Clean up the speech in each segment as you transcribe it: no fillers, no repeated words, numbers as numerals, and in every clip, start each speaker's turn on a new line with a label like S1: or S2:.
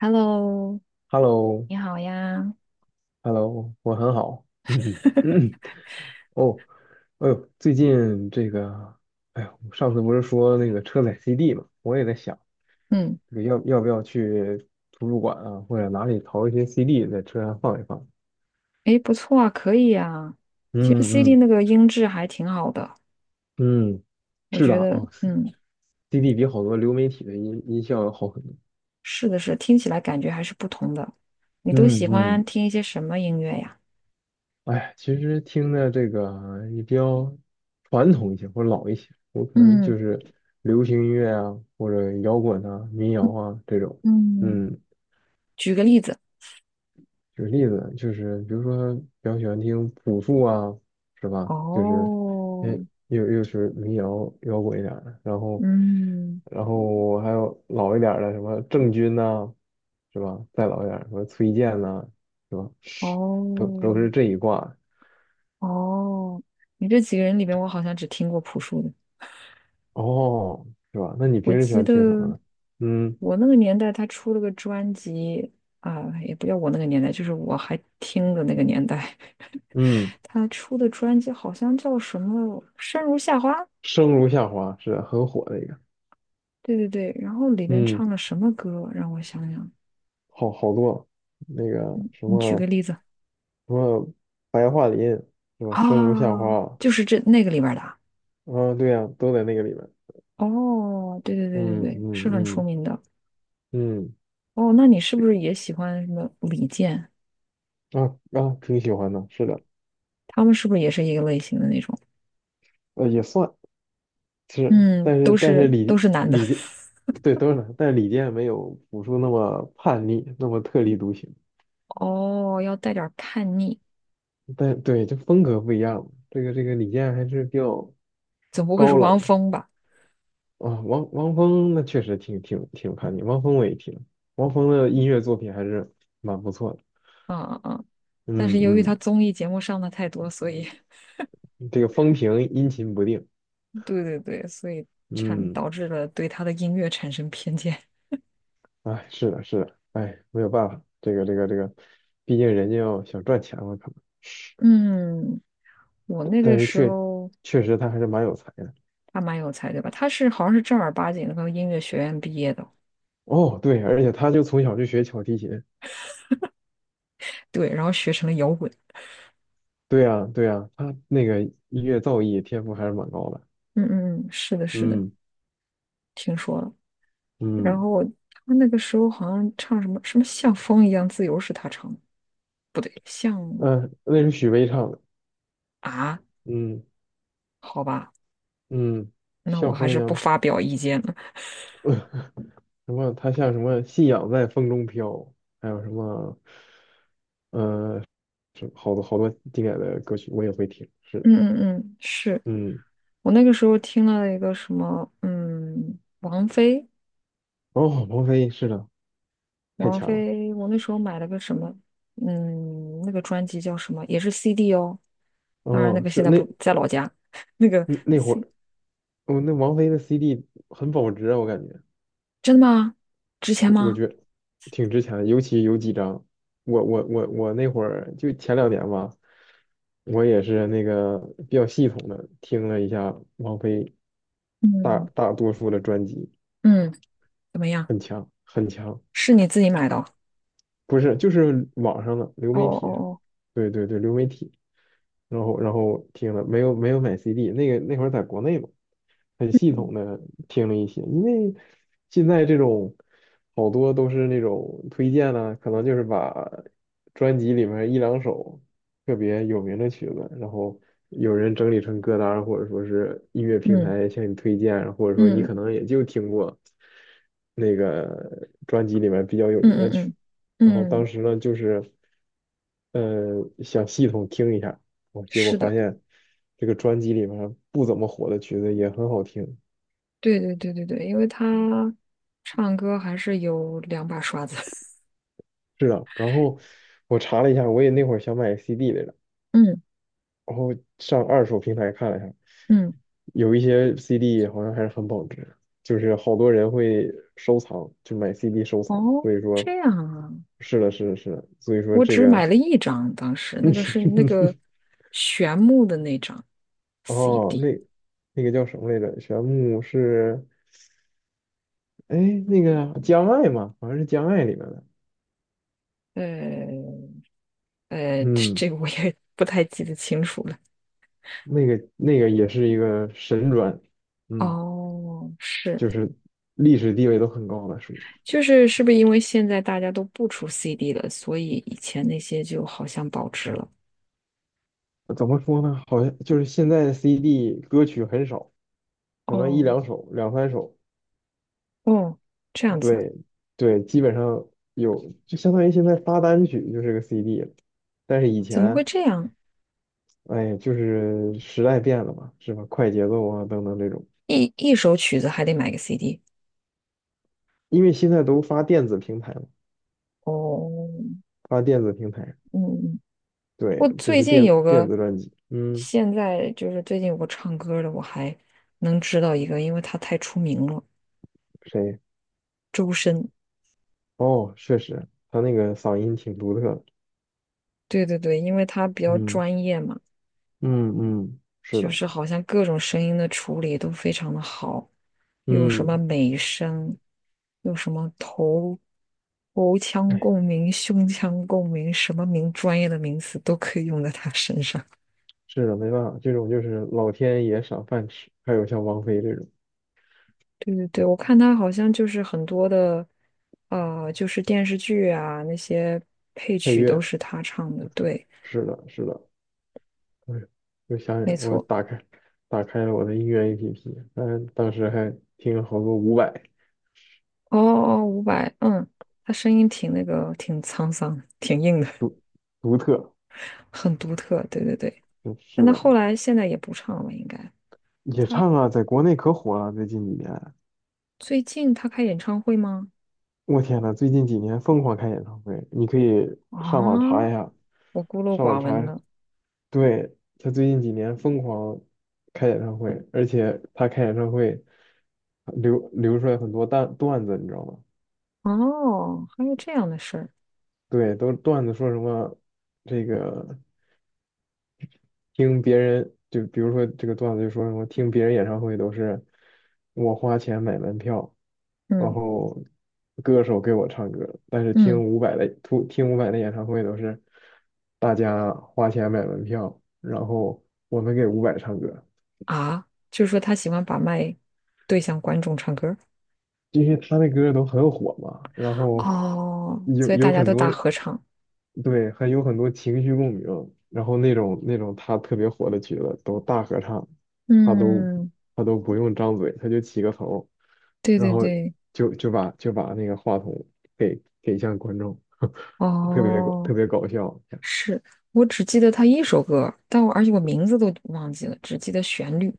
S1: Hello，
S2: Hello,Hello,
S1: 你好呀。
S2: 我很好。嗯嗯，哦，哎呦，最近这个，哎呦，上次不是说那个车载 CD 嘛，我也在想，
S1: 嗯，
S2: 这个要不要去图书馆啊，或者哪里淘一些 CD 在车上放一放。
S1: 诶，不错啊，可以啊。其实
S2: 嗯
S1: CD
S2: 嗯
S1: 那个音质还挺好的，
S2: 嗯，
S1: 我
S2: 是的，
S1: 觉得，
S2: 哦
S1: 嗯，
S2: ，CD 比好多流媒体的音效要好很多。
S1: 是的是，听起来感觉还是不同的。你都
S2: 嗯
S1: 喜欢
S2: 嗯，
S1: 听一些什么音乐呀？
S2: 哎，其实听的这个也比较传统一些或者老一些，我可能
S1: 嗯
S2: 就是流行音乐啊，或者摇滚啊、民谣
S1: 嗯
S2: 啊这种。
S1: 嗯，
S2: 嗯，
S1: 举个例子。
S2: 举个例子，就是比如说比较喜欢听朴树啊，是吧？就是，
S1: 哦，
S2: 嗯，又是民谣摇滚一点儿的，然后，
S1: 嗯，
S2: 然后我还有老一点儿的什么郑钧呐、是吧？再老一点儿什么崔健呐、是吧？都
S1: 哦
S2: 是这一挂。
S1: 哦，你这几个人里边，我好像只听过朴树的。
S2: 哦，是吧？那你
S1: 我
S2: 平时喜
S1: 记
S2: 欢听什么
S1: 得
S2: 呢？嗯
S1: 我那个年代，他出了个专辑啊，也不叫我那个年代，就是我还听的那个年代，
S2: 嗯，
S1: 他出的专辑好像叫什么《生如夏花》，
S2: 生如夏花是很火的一个，
S1: 对对对，然后里面
S2: 嗯，
S1: 唱了什么歌？让我想想，
S2: 好多那个什
S1: 你举
S2: 么
S1: 个例子
S2: 什么白桦林是吧？生如夏
S1: 啊，
S2: 花，
S1: 就是这那个里边儿的啊
S2: 啊，对呀、都在那个里面。
S1: 哦，对对对对
S2: 嗯
S1: 对，
S2: 嗯
S1: 是很出
S2: 嗯
S1: 名的
S2: 嗯，
S1: 哦。那你是不是也喜欢什么李健？
S2: 啊啊，挺喜欢的，是的，
S1: 他们是不是也是一个类型的那种？
S2: 呃，也算，
S1: 嗯，
S2: 但是
S1: 都
S2: 但
S1: 是
S2: 是
S1: 都
S2: 李
S1: 是男的。
S2: 李 健，对，都是，但是李健没有朴树那么叛逆，那么特立独行。
S1: 哦，要带点儿叛逆，
S2: 但对，这风格不一样，这个李健还是比较
S1: 总不会是
S2: 高
S1: 汪
S2: 冷
S1: 峰吧？
S2: 啊。汪峰那确实挺有看点，汪峰我也听，汪峰的音乐作品还是蛮不错的。
S1: 嗯嗯嗯。但是
S2: 嗯
S1: 由于他
S2: 嗯，
S1: 综艺节目上的太多，所以
S2: 这个风评阴晴不定。
S1: 对对对，所以产
S2: 嗯，
S1: 导致了对他的音乐产生偏见。
S2: 哎，是的，是的，哎，没有办法，这个，毕竟人家要想赚钱嘛，可能，
S1: 嗯，我那
S2: 但
S1: 个
S2: 是
S1: 时
S2: 确
S1: 候
S2: 确实他还是蛮有才的。
S1: 他蛮有才对吧？他是好像是正儿八经的音乐学院毕业的，
S2: 哦，对，而且他就从小就学小提琴。
S1: 对，然后学成了摇滚。
S2: 对呀，对呀，他那个音乐造诣天赋还是蛮高的。
S1: 嗯嗯嗯，是的，是的，
S2: 嗯
S1: 听说了。然
S2: 嗯
S1: 后他那个时候好像唱什么什么像风一样自由是他唱的，不对，像
S2: 嗯，那是许巍唱的。
S1: 啊，
S2: 嗯
S1: 好吧。
S2: 嗯，
S1: 那我
S2: 像
S1: 还
S2: 风一
S1: 是不
S2: 样，
S1: 发表意见了。
S2: 什么？他像什么？信仰在风中飘，还有什么？呃，好多好多经典的歌曲我也会听。是的，
S1: 嗯嗯嗯，是
S2: 嗯，
S1: 我那个时候听了一个什么，嗯，王菲，
S2: 哦，王菲是的，太
S1: 王
S2: 强了。
S1: 菲，我那时候买了个什么，嗯，那个专辑叫什么，也是 CD 哦。当然，那
S2: 哦，
S1: 个
S2: 是
S1: 现在
S2: 那
S1: 不在老家，那个
S2: 那那会
S1: C
S2: 儿，哦，那王菲的 CD 很保值啊，我感觉。
S1: 真的吗？值钱
S2: 我
S1: 吗？
S2: 觉得挺值钱的，尤其有几张，我那会儿就前两年吧，我也是那个比较系统的听了一下王菲大
S1: 嗯
S2: 大多数的专辑，
S1: 嗯，怎么样？
S2: 很强很强。
S1: 是你自己买的哦？
S2: 不是，就是网上的流
S1: 哦
S2: 媒
S1: 哦
S2: 体上，
S1: 哦，
S2: 对对对，流媒体，然后听了，没有买 CD,那个那会儿在国内嘛，很系
S1: 嗯
S2: 统的听了一些，因为现在这种好多都是那种推荐呢、可能就是把专辑里面一两首特别有名的曲子，然后有人整理成歌单或者说是音乐平
S1: 嗯
S2: 台向你推荐，或者说你可
S1: 嗯
S2: 能也就听过那个专辑里面比较有
S1: 嗯
S2: 名的曲
S1: 嗯
S2: 子。然后
S1: 嗯
S2: 当
S1: 嗯，
S2: 时呢，就是，呃，想系统听一下，我结果
S1: 是
S2: 发
S1: 的。
S2: 现这个专辑里面不怎么火的曲子也很好听，
S1: 对对对对对，因为他唱歌还是有两把刷子。
S2: 是的。然后我查了一下，我也那会儿想买 CD 来着，
S1: 嗯
S2: 然后上二手平台看了一下，
S1: 嗯，
S2: 有一些 CD 好像还是很保值，就是好多人会收藏，就买 CD 收藏，
S1: 哦，
S2: 所以说，
S1: 这样啊，
S2: 是的，是的，是的，所以说
S1: 我
S2: 这
S1: 只
S2: 个，
S1: 买了一张，当时那个是那 个玄木的那张
S2: 哦，那
S1: CD，
S2: 那个叫什么来着？玄牧是。哎，那个江爱嘛，好像是江爱里面的，
S1: 呃这
S2: 嗯，
S1: 这个我也 不太记得清楚了。
S2: 那个也是一个神转，嗯，
S1: 哦，是，
S2: 就是历史地位都很高了，属于
S1: 就是是不是因为现在大家都不出 CD 了，所以以前那些就好像保值了？
S2: 怎么说呢？好像就是现在的 CD 歌曲很少，可能一
S1: 哦
S2: 两首、两三首，
S1: 哦，这样子啊
S2: 对对，基本上有，就相当于现在发单曲就是个 CD 了。但是以
S1: 怎么会
S2: 前，
S1: 这样？
S2: 哎，就是时代变了嘛，是吧？快节奏啊等等这种，
S1: 一首曲子还得买个 CD
S2: 因为现在都发电子平台嘛，
S1: 哦，
S2: 发电子平台。
S1: 嗯，
S2: 对，
S1: 我
S2: 就
S1: 最
S2: 是
S1: 近
S2: 电
S1: 有
S2: 电
S1: 个，
S2: 子专辑，嗯，
S1: 现在就是最近有个唱歌的，我还能知道一个，因为他太出名了，
S2: 谁？
S1: 周深。
S2: 哦，确实，他那个嗓音挺独特的，
S1: 对对对，因为他比较
S2: 嗯
S1: 专业嘛，
S2: 嗯嗯，是
S1: 就
S2: 的，
S1: 是好像各种声音的处理都非常的好，又有什么
S2: 嗯，
S1: 美声，有什么头腔
S2: 哎，
S1: 共鸣、胸腔共鸣，什么名专业的名词都可以用在他身上。
S2: 是的，没办法，这种就是老天爷赏饭吃。还有像王菲这种
S1: 对对对，我看他好像就是很多的，呃，就是电视剧啊那些配
S2: 配
S1: 曲都
S2: 乐，
S1: 是他唱的，对，
S2: 是的，是的，哎呦，又想起来
S1: 没
S2: 我
S1: 错。
S2: 打开了我的音乐 APP,但当时还听了好多伍佰，
S1: 哦哦哦，伍佰，嗯，他声音挺那个，挺沧桑，挺硬的，
S2: 独独特，
S1: 很独特。对对对，
S2: 嗯
S1: 但
S2: 是
S1: 他后
S2: 的，
S1: 来现在也不唱了，应该。
S2: 也
S1: 他
S2: 唱啊，在国内可火了，最近几年，
S1: 最近他开演唱会吗？
S2: 我天呐，最近几年疯狂开演唱会，你可以上网查
S1: 啊，
S2: 一下，
S1: 我孤陋
S2: 上网
S1: 寡闻
S2: 查，
S1: 了。
S2: 对，他最近几年疯狂开演唱会，而且他开演唱会流出来很多段子，你知道吗？
S1: 哦，还有这样的事儿。
S2: 对，都段子说什么这个听别人，就比如说这个段子就说什么听别人演唱会都是我花钱买门票，然
S1: 嗯
S2: 后歌手给我唱歌，但是
S1: 嗯
S2: 听伍佰的演唱会都是大家花钱买门票，然后我们给伍佰唱歌，
S1: 啊，就是说他喜欢把麦对向观众唱歌。
S2: 因为他那歌都很火嘛，然后
S1: 哦，
S2: 有
S1: 所以
S2: 有
S1: 大家
S2: 很
S1: 都
S2: 多
S1: 打合唱。
S2: 对，还有很多情绪共鸣，然后那种他特别火的曲子都大合唱，他都
S1: 嗯，
S2: 他都不用张嘴，他就起个头，
S1: 对
S2: 然
S1: 对
S2: 后
S1: 对，
S2: 就把那个话筒给向观众，特别搞特
S1: 哦，
S2: 别搞笑，
S1: 是我只记得他一首歌，但我而且我名字都忘记了，只记得旋律，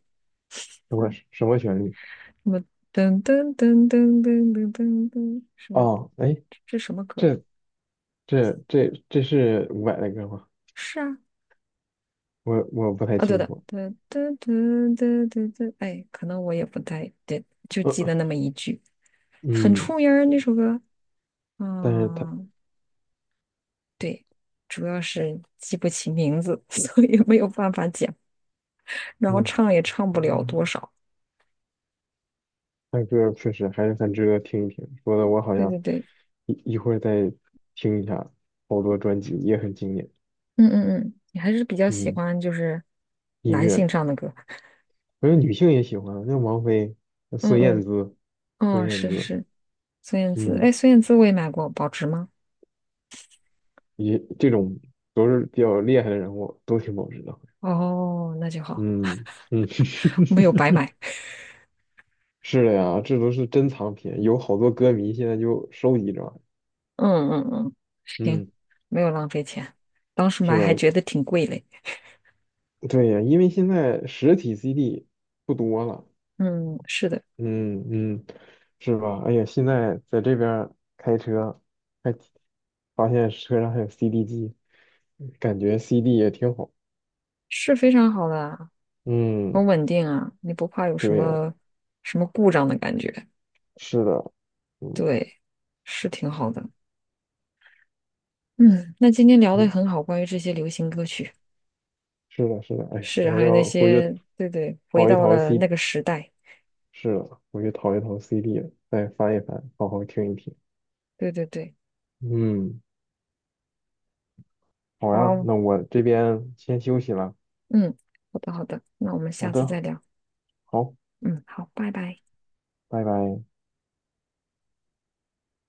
S2: 什么旋律？
S1: 什么噔噔噔噔噔噔噔噔，什么
S2: 哦，哎，
S1: 这这什么歌儿
S2: 这这是伍佰的歌吗？
S1: 是啊，
S2: 我不太
S1: 啊对
S2: 清
S1: 的，
S2: 楚，
S1: 噔噔噔噔噔噔，哎，可能我也不太对，就记得那 么一句，很出
S2: 嗯，
S1: 名儿那首歌，
S2: 但是他
S1: 嗯。对，主要是记不起名字，所以没有办法讲，然后
S2: 嗯，
S1: 唱也唱不了多少。
S2: 他歌确实还是很值得听一听，说的我好
S1: 对
S2: 像
S1: 对对，
S2: 一会儿再听一下，好多专辑也很经典。
S1: 嗯嗯嗯，你还是比较喜
S2: 嗯，
S1: 欢就是
S2: 音
S1: 男
S2: 乐，
S1: 性唱的歌。
S2: 我觉得女性也喜欢，像王菲、
S1: 嗯
S2: 孙燕
S1: 嗯，
S2: 姿、孙
S1: 哦，
S2: 燕
S1: 是是
S2: 姿，
S1: 是，孙燕姿，哎，
S2: 嗯，
S1: 孙燕姿我也买过，保值吗？
S2: 也这种都是比较厉害的人物，都挺保值的。
S1: 哦，那就好，
S2: 嗯嗯，
S1: 没有白买。
S2: 是的呀，这都是珍藏品，有好多歌迷现在就收集着。
S1: 嗯嗯嗯，行，
S2: 嗯，
S1: 没有浪费钱，当时买
S2: 是
S1: 还
S2: 的，
S1: 觉得挺贵嘞。
S2: 对呀，因为现在实体 CD 不多了。
S1: 嗯，是的，
S2: 嗯嗯，是吧？哎呀，现在在这边儿开车，还发现车上还有 CD 机，感觉 CD 也挺好。
S1: 是非常好的，
S2: 嗯，
S1: 很稳定啊，你不怕有什
S2: 对呀，
S1: 么什么故障的感觉。
S2: 是的，嗯
S1: 对，是挺好的。嗯，那今天聊的
S2: 嗯，
S1: 很好，关于这些流行歌曲，
S2: 是的，是的。哎呀，
S1: 是，
S2: 我
S1: 还有那
S2: 要回去
S1: 些，对对，回
S2: 淘一
S1: 到
S2: 淘
S1: 了那个
S2: CD,
S1: 时代，
S2: 是的，回去淘一淘 CD,再翻一翻，好好听一听。
S1: 对对对，
S2: 嗯，好呀，
S1: 好，
S2: 那我这边先休息了。
S1: 嗯，好的好的，那我们
S2: 好
S1: 下次
S2: 的，
S1: 再聊，
S2: 好，
S1: 嗯，好，拜拜。
S2: 拜拜。